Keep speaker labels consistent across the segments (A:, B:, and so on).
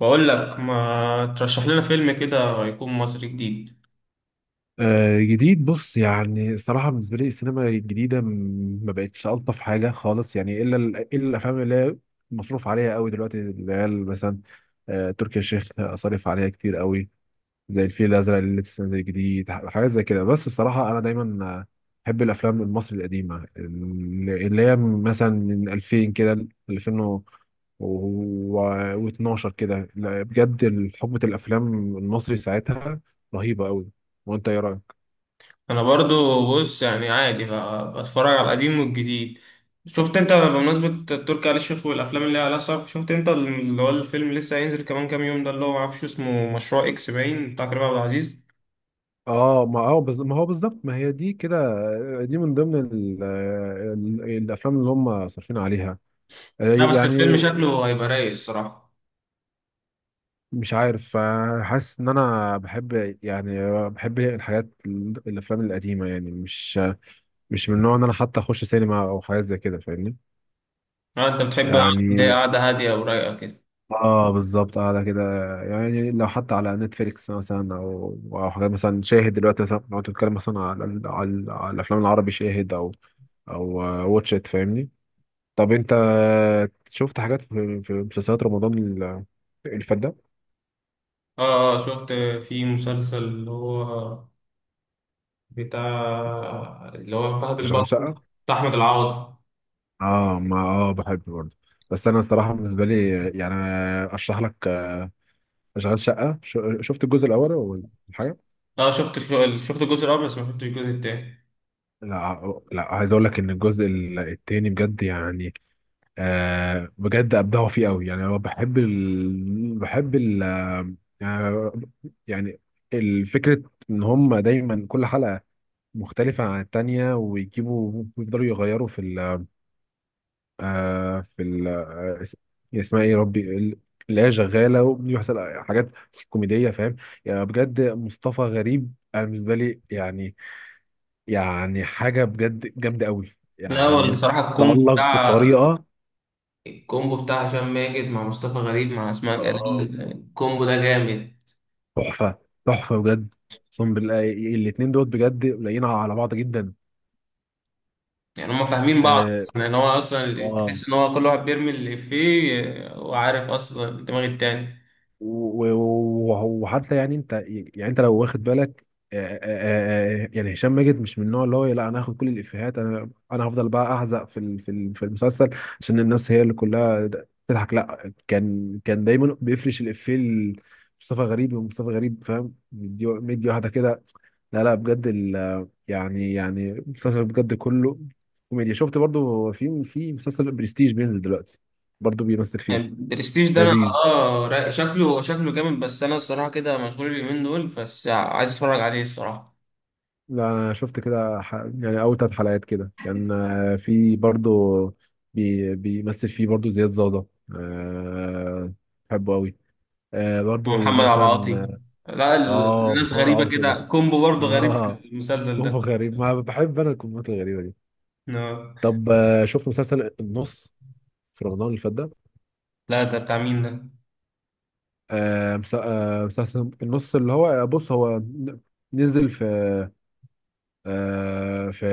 A: بقول لك ما ترشح لنا فيلم كده يكون مصري جديد.
B: آه، جديد، بص. يعني الصراحة بالنسبة لي السينما الجديدة ما بقتش ألطف حاجة خالص، يعني إلا الأفلام اللي هي مصروف عليها قوي دلوقتي، اللي هي مثلا تركي الشيخ أصرف عليها كتير قوي، زي الفيل الأزرق اللي لسه نازل جديد، حاجات زي كده. بس الصراحة أنا دايما بحب الأفلام المصري القديمة، اللي هي مثلا من 2000 كده ل 2000 و12 كده. لا، بجد حقبة الأفلام المصري ساعتها رهيبة قوي. وأنت إيه رأيك؟
A: انا برضو. بص، يعني عادي بقى، بتفرج على القديم والجديد. شفت انت، بمناسبة تركي آل الشيخ والافلام اللي على صف، شفت انت اللي هو الفيلم اللي لسه هينزل كمان كام يوم ده، اللي هو معرفش اسمه، مشروع اكس باين بتاع كريم عبد العزيز؟
B: اه، ما ما هو بالظبط، ما هي دي كده. دي من ضمن الافلام اللي هم صارفين عليها،
A: لا، بس
B: يعني.
A: الفيلم شكله هيبقى رايق الصراحة.
B: مش عارف، حاسس ان انا بحب، يعني بحب الحاجات الافلام القديمه، يعني مش من النوع ان انا حتى اخش سينما او حاجات زي كده، فاهمني؟
A: آه، انت بتحب اللي هي
B: يعني
A: قعدة هادية ورايقة كده.
B: اه بالظبط، قاعده كده. يعني لو حتى على نتفليكس مثلا، او حاجات مثلا شاهد دلوقتي، مثلا لو تتكلم مثلا على على الافلام العربي، شاهد او واتش ات، فاهمني. طب انت شفت حاجات في مسلسلات رمضان اللي فات ده؟
A: اه، آه، شفت. في مسلسل اللي هو بتاع اللي هو فهد
B: شغال
A: البطل،
B: شقة.
A: بتاع احمد العوضي.
B: اه، ما بحب برضه، بس انا الصراحة بالنسبة لي، يعني اشرح لك. شغال شقة، شفت الجزء الاول ولا حاجة؟
A: لا، شفت الجزء الاول، بس ما شفتش الجزء التاني.
B: لا، عايز اقول لك ان الجزء التاني بجد، يعني بجد ابدعوا فيه قوي. يعني هو بحب ال... آه يعني الفكرة، ان هم دايما كل حلقة مختلفة عن التانية، ويجيبوا ويفضلوا يغيروا في يعني اسمها ايه يا ربي، اللي هي شغالة، وبيحصل حاجات كوميدية، فاهم. يعني بجد مصطفى غريب، أنا بالنسبة لي، يعني حاجة بجد جامدة قوي،
A: لا، هو
B: يعني
A: الصراحه
B: تألق بطريقة.
A: الكومبو بتاع هشام ماجد مع مصطفى غريب مع اسماء
B: آه،
A: جلال، الكومبو ده جامد.
B: تحفة، تحفة بجد. أقسم بالله الاتنين دول بجد لايقين على بعض جدا.
A: يعني هما فاهمين بعض
B: اه،
A: اصلا، يعني هو اصلا
B: آه.
A: تحس ان هو كل واحد بيرمي اللي فيه، وعارف اصلا دماغ التاني.
B: وحتى، يعني انت، لو واخد بالك. آه، يعني هشام ماجد مش من النوع اللي هو لا، انا هاخد كل الافيهات، انا هفضل بقى احزق في المسلسل، عشان الناس هي اللي كلها تضحك. لا، كان دايما بيفرش الافيه لمصطفى غريب، ومصطفى غريب فاهم، مدي مدي واحده كده. لا لا، بجد يعني، المسلسل بجد كله كوميديا. شفت برضو في مسلسل برستيج بينزل دلوقتي، برضو بيمثل فيه،
A: يعني برستيج ده انا،
B: لذيذ.
A: شكله، شكله جامد، بس انا الصراحه كده مشغول اليومين دول، بس عايز اتفرج عليه الصراحه.
B: لا، انا شفت كده، يعني اول 3 حلقات كده، كان في برضو بيمثل فيه برضو زياد زازا. أه... بحبه قوي. أه، برضو
A: ومحمد عبد
B: مثلا.
A: العاطي. لا،
B: اه،
A: الناس
B: محمد
A: غريبه
B: عاطي
A: كده،
B: بس.
A: كومبو برضه غريب في
B: اه،
A: المسلسل
B: كومبو
A: ده.
B: غريب، ما بحب انا الكومبوات الغريبه دي.
A: آه.
B: طب، شفت مسلسل النص في رمضان اللي فات ده؟
A: لا، ده بتاع مين ده؟
B: مسلسل النص اللي هو، بص هو نزل في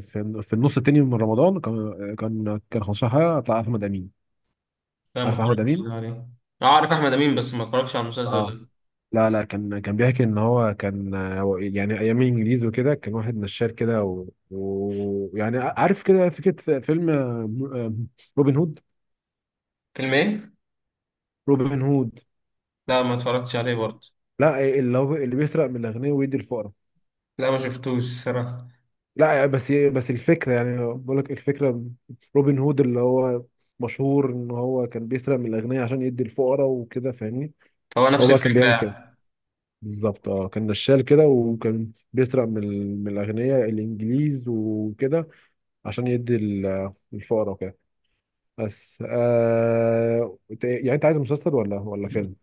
B: في النص التاني من رمضان. كان 15 حلقه بتاع احمد امين،
A: لا، ما
B: عارف احمد
A: اتفرجتش
B: امين،
A: عليه. أعرف أحمد أمين، بس ما اتفرجش على المسلسل
B: اه.
A: ده.
B: لا لا، كان بيحكي ان هو كان، هو يعني ايام الانجليز وكده، كان واحد نشال كده، ويعني يعني عارف كده، فكره فيلم آه، روبن هود.
A: فيلم إيه؟
B: روبن هود،
A: لا، ما اتفرجتش عليه برضه.
B: لا اللي هو اللي بيسرق من الاغنياء ويدي الفقراء.
A: لا، ما شفتوش الصراحة.
B: لا، بس الفكره، يعني بقول لك الفكره. روبن هود اللي هو مشهور ان هو كان بيسرق من الاغنياء عشان يدي الفقراء وكده، فاهمني.
A: هو
B: هو
A: نفس
B: بقى كان
A: الفكرة
B: بيعمل كده
A: يعني.
B: بالظبط. اه، كان نشال كده، وكان بيسرق من من الاغنياء الانجليز وكده، عشان يدي الفقراء وكده. بس يعني انت عايز مسلسل ولا فيلم؟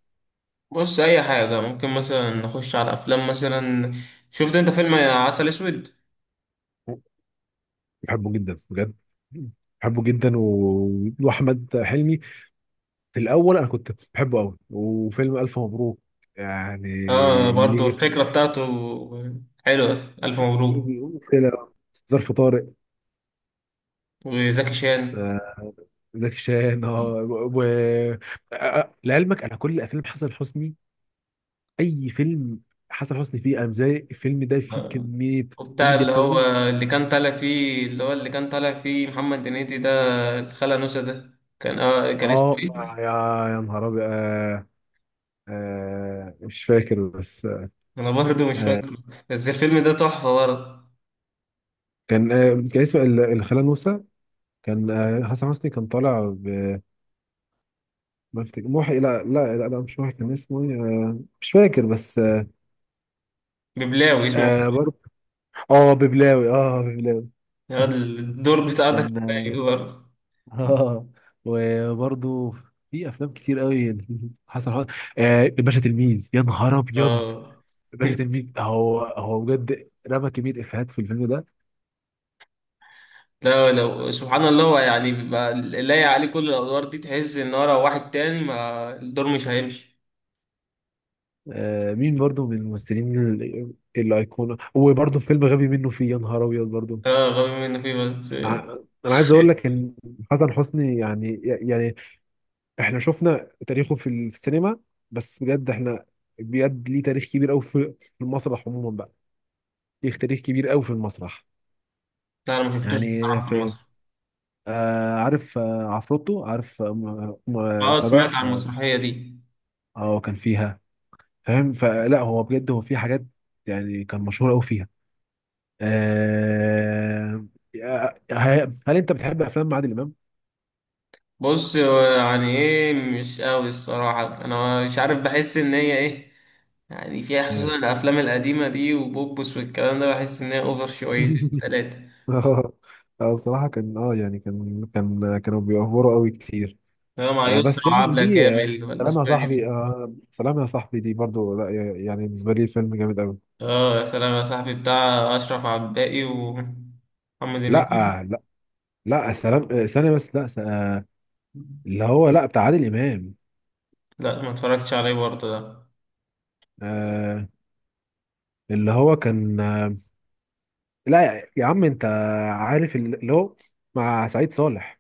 A: بص، أي حاجة، ممكن مثلا نخش على أفلام مثلا. شفت أنت فيلم عسل أسود؟
B: بحبه جدا، بجد بحبه جدا. واحمد حلمي، في الاول انا كنت بحبه قوي. وفيلم الف مبروك، يعني
A: آه،
B: اللي
A: برضه
B: يجي
A: الفكرة بتاعته حلوة أصلا. ألف مبروك.
B: كده، ظرف طارق،
A: وزكي شان.
B: زكي شان، اه. و آه، لعلمك انا كل افلام حسن حسني، اي فيلم حسن حسني فيه، انا زي الفيلم ده فيه
A: آه،
B: كميه
A: وبتاع
B: كوميديا
A: اللي هو،
B: بسببه،
A: اللي كان طالع فيه محمد هنيدي ده، الخالة نوسة ده، كان اسمه
B: اه.
A: إيه؟
B: يا يا نهار ابيض، مش فاكر بس،
A: انا برضه مش
B: آه.
A: فاكره، بس الفيلم ده تحفه برضه.
B: كان اسمه الخالة نوسة. كان، حسن حسني كان طالع ب، ما افتكر محي. لا لا لا، لا مش محي، كان اسمه إيه؟ آه مش فاكر بس،
A: ببلاوي اسمه.
B: آه، برضه، اه ببلاوي، اه ببلاوي.
A: الواد الدور بتاع ده كان
B: كان،
A: رايق برضه.
B: اه وبرضه في افلام كتير قوي. حسن حسن، الباشا تلميذ، يا نهار ابيض،
A: اه.
B: الباشا تلميذ. هو هو بجد رمى كميه افيهات في الفيلم ده.
A: لا، لو سبحان الله، هو يعني بيبقى لايق عليه كل الادوار دي، تحس ان هو لو واحد تاني، ما الدور مش هيمشي.
B: مين برضه من الممثلين الايقونه؟ وبرضه فيلم غبي منه فيه، يا نهار ابيض برضه.
A: اه، غبي منه فيه، بس لا.
B: ع- انا عايز اقول لك ان حسن حسني، يعني احنا شفنا تاريخه في السينما، بس بجد احنا، بجد ليه تاريخ كبير قوي في المسرح عموما بقى، ليه تاريخ كبير قوي في المسرح.
A: انا ما شفتوش
B: يعني
A: بصراحه في
B: في
A: مصر.
B: آه عارف، عفروتو، عارف،
A: اه،
B: بتاع ده،
A: سمعت عن
B: اه.
A: المسرحيه دي.
B: كان فيها، فاهم. فلا هو بجد، هو في حاجات يعني كان مشهور قوي فيها، آه. آه، هل انت بتحب افلام عادل امام؟
A: بص، هو يعني ايه، مش قوي الصراحة، انا مش عارف، بحس ان هي ايه يعني، فيها
B: إيه.
A: خصوصا الافلام القديمة دي، وبوبس والكلام ده، بحس ان هي اوفر شوية. تلاتة.
B: اه، الصراحة كان، اه يعني، كانوا بيوفروا قوي كتير،
A: ده مع يسرا
B: بس يعني
A: وعبلة
B: دي،
A: كامل، ولا
B: سلام يا
A: اسمها إيه
B: صاحبي،
A: دي؟
B: سلام يا صاحبي دي برضو، لا يعني بالنسبة لي فيلم جامد قوي.
A: اه، يا سلام يا صاحبي، بتاع اشرف عباقي ومحمد
B: لا
A: هنيدي.
B: لا، لا سلام، ثانية بس، لا اللي هو، لا بتاع عادل امام.
A: لا، ما اتفرجتش عليه برضه ده.
B: آه اللي هو كان، لا يا يا عم انت عارف، اللي هو مع سعيد صالح،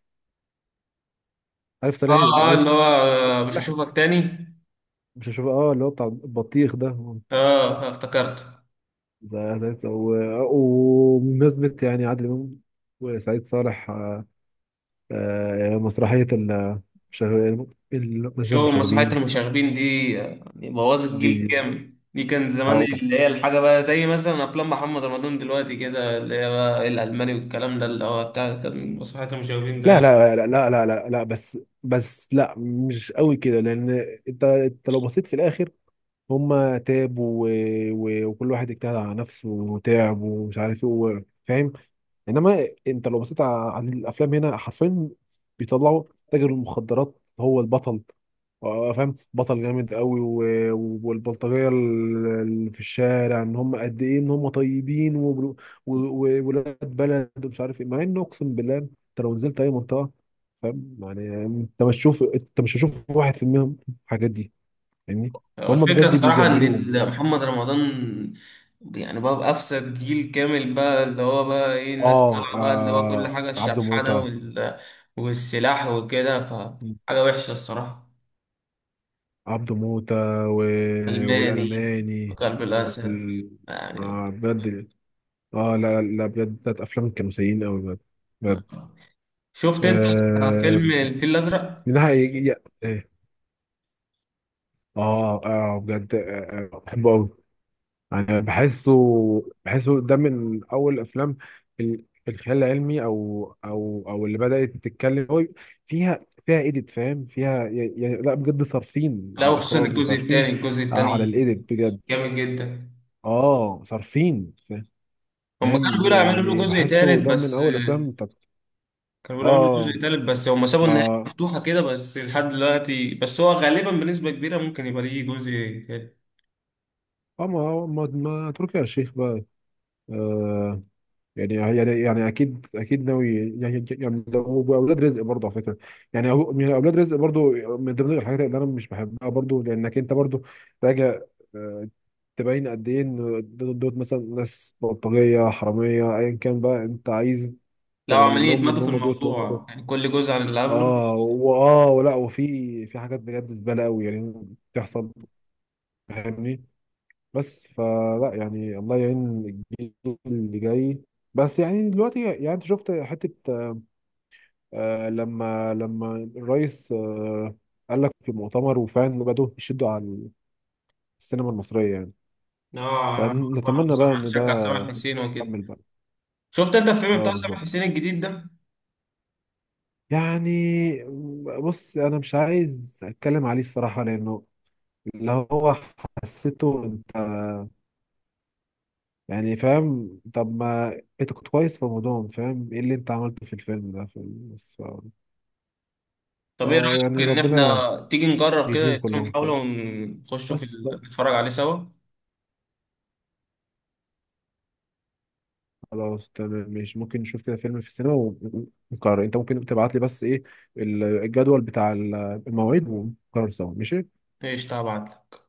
B: عارف
A: اه،
B: صالح،
A: اه، اللي
B: عارف
A: هو
B: سعيد
A: مش
B: صالح.
A: هشوفك تاني.
B: مش هشوف، اه اللي هو بتاع البطيخ ده.
A: اه، افتكرته.
B: وبمناسبة، يعني عادل امام وسعيد صالح، مسرحية شغ- المسرح
A: شو مسرحية
B: المشاغبين.
A: المشاغبين دي، يعني بوظت جيل
B: دي
A: كامل دي، كان زمان
B: حرام.
A: اللي
B: بس،
A: هي الحاجة بقى، زي مثلا أفلام محمد رمضان دلوقتي كده، اللي هي بقى الألماني والكلام ده، اللي هو بتاع كان مسرحية المشاغبين
B: لا
A: ده.
B: لا لا لا لا لا لا، بس لا مش قوي كده، لان انت لو بصيت في الاخر، هما تعبوا وكل واحد اجتهد على نفسه وتعب، ومش عارف ايه، فاهم. انما انت لو بصيت على الافلام هنا، حرفيا بيطلعوا تاجر المخدرات هو البطل، فاهم، بطل جامد قوي، والبلطجيه اللي في الشارع، ان هم قد ايه، ان هم طيبين وولاد، ولاد بلد ومش عارف ايه. مع انه اقسم بالله، انت لو نزلت اي منطقه، فاهم، يعني انت مش تشوف، انت مش هتشوف 1% من الحاجات دي، فاهمني.
A: هو
B: فهم
A: الفكرة
B: بجد
A: الصراحة إن
B: بيجملوهم.
A: محمد رمضان يعني بقى بأفسد جيل كامل بقى، اللي هو بقى إيه، الناس
B: اه,
A: طالعة بقى، اللي هو كل
B: آه،
A: حاجة
B: عبده
A: الشبحانة
B: موتة،
A: وال... والسلاح وكده، فحاجة وحشة الصراحة.
B: عبده موتة و...
A: ألماني،
B: والألماني
A: وكلب الأسد،
B: وال...
A: يعني.
B: آه بجد. اه، لا لا بجد بتاعت أفلام كانوا سيئين أوي بجد، بجد
A: شفت انت
B: آه...
A: فيلم الفيل الازرق؟
B: من ناحية إيه. اه، بجد، آه، بحبه أوي، انا بحسه، ده من اول افلام الخيال العلمي، او اللي بدات تتكلم هو، فيها ايديت، فاهم فيها يعني. لا بجد، صارفين
A: لا،
B: على
A: وخصوصا
B: الاخراج،
A: الجزء
B: وصارفين
A: الثاني، الجزء
B: على
A: الثاني
B: الايديت بجد،
A: جامد جدا.
B: اه صارفين،
A: هم كانوا
B: فاهم.
A: بيقولوا يعملوا له
B: يعني
A: جزء ثالث
B: بحسه ده من
A: بس
B: اول افلام بتاعت.
A: كانوا بيقولوا يعملوا
B: اه
A: جزء ثالث، بس هم سابوا النهايه
B: ما
A: مفتوحه كده، بس لحد دلوقتي، بس هو غالبا بنسبه كبيره ممكن يبقى ليه جزء ثالث.
B: ما تركي يا شيخ بقى، آه. يعني اكيد، اكيد ناوي. لو، واولاد رزق برضه، على فكره، يعني يعني اولاد رزق برضه، من ضمن الحاجات اللي انا مش بحبها برضه، لانك انت برضه راجع، آه، تبين قد ايه ان دول مثلا ناس بلطجيه حراميه، ايا كان بقى، انت عايز
A: لو عمالين
B: تبين لهم ان
A: يتمادوا في
B: هم
A: الموضوع،
B: دوت.
A: يعني كل جزء عن اللي قبله.
B: اه واه ولا وفي حاجات بجد زباله قوي يعني بتحصل، فاهمني. بس فلا يعني، الله يعين الجيل اللي جاي. بس يعني دلوقتي، يعني انت شفت حته، لما الرئيس، قال لك في مؤتمر، وفعلا بدأوا يشدوا على السينما المصرية، يعني،
A: اه، برضه
B: فنتمنى بقى ان
A: شجع
B: ده
A: سامح حسين وكده.
B: يكمل بقى.
A: شفت انت الفيلم
B: اه
A: بتاع سامح
B: بالظبط،
A: حسين الجديد ده؟
B: يعني بص انا مش عايز اتكلم عليه الصراحة، لانه اللي هو حسيته انت، يعني فاهم. طب ما انت كنت كويس في رمضان، فاهم ايه اللي انت عملته في الفيلم ده في. بس
A: طب ايه
B: فيعني
A: رايك ان
B: ربنا
A: احنا تيجي نجرب كده،
B: يديهم كلهم،
A: نديله محاوله،
B: فاهم.
A: ونخشوا في
B: بس
A: نتفرج عليه سوا.
B: خلاص، تمام ماشي، ممكن نشوف كده فيلم في السينما، ونقرر. انت ممكن تبعت لي بس ايه الجدول بتاع المواعيد، ونقرر سوا، ماشي.
A: ايش طبعت لك؟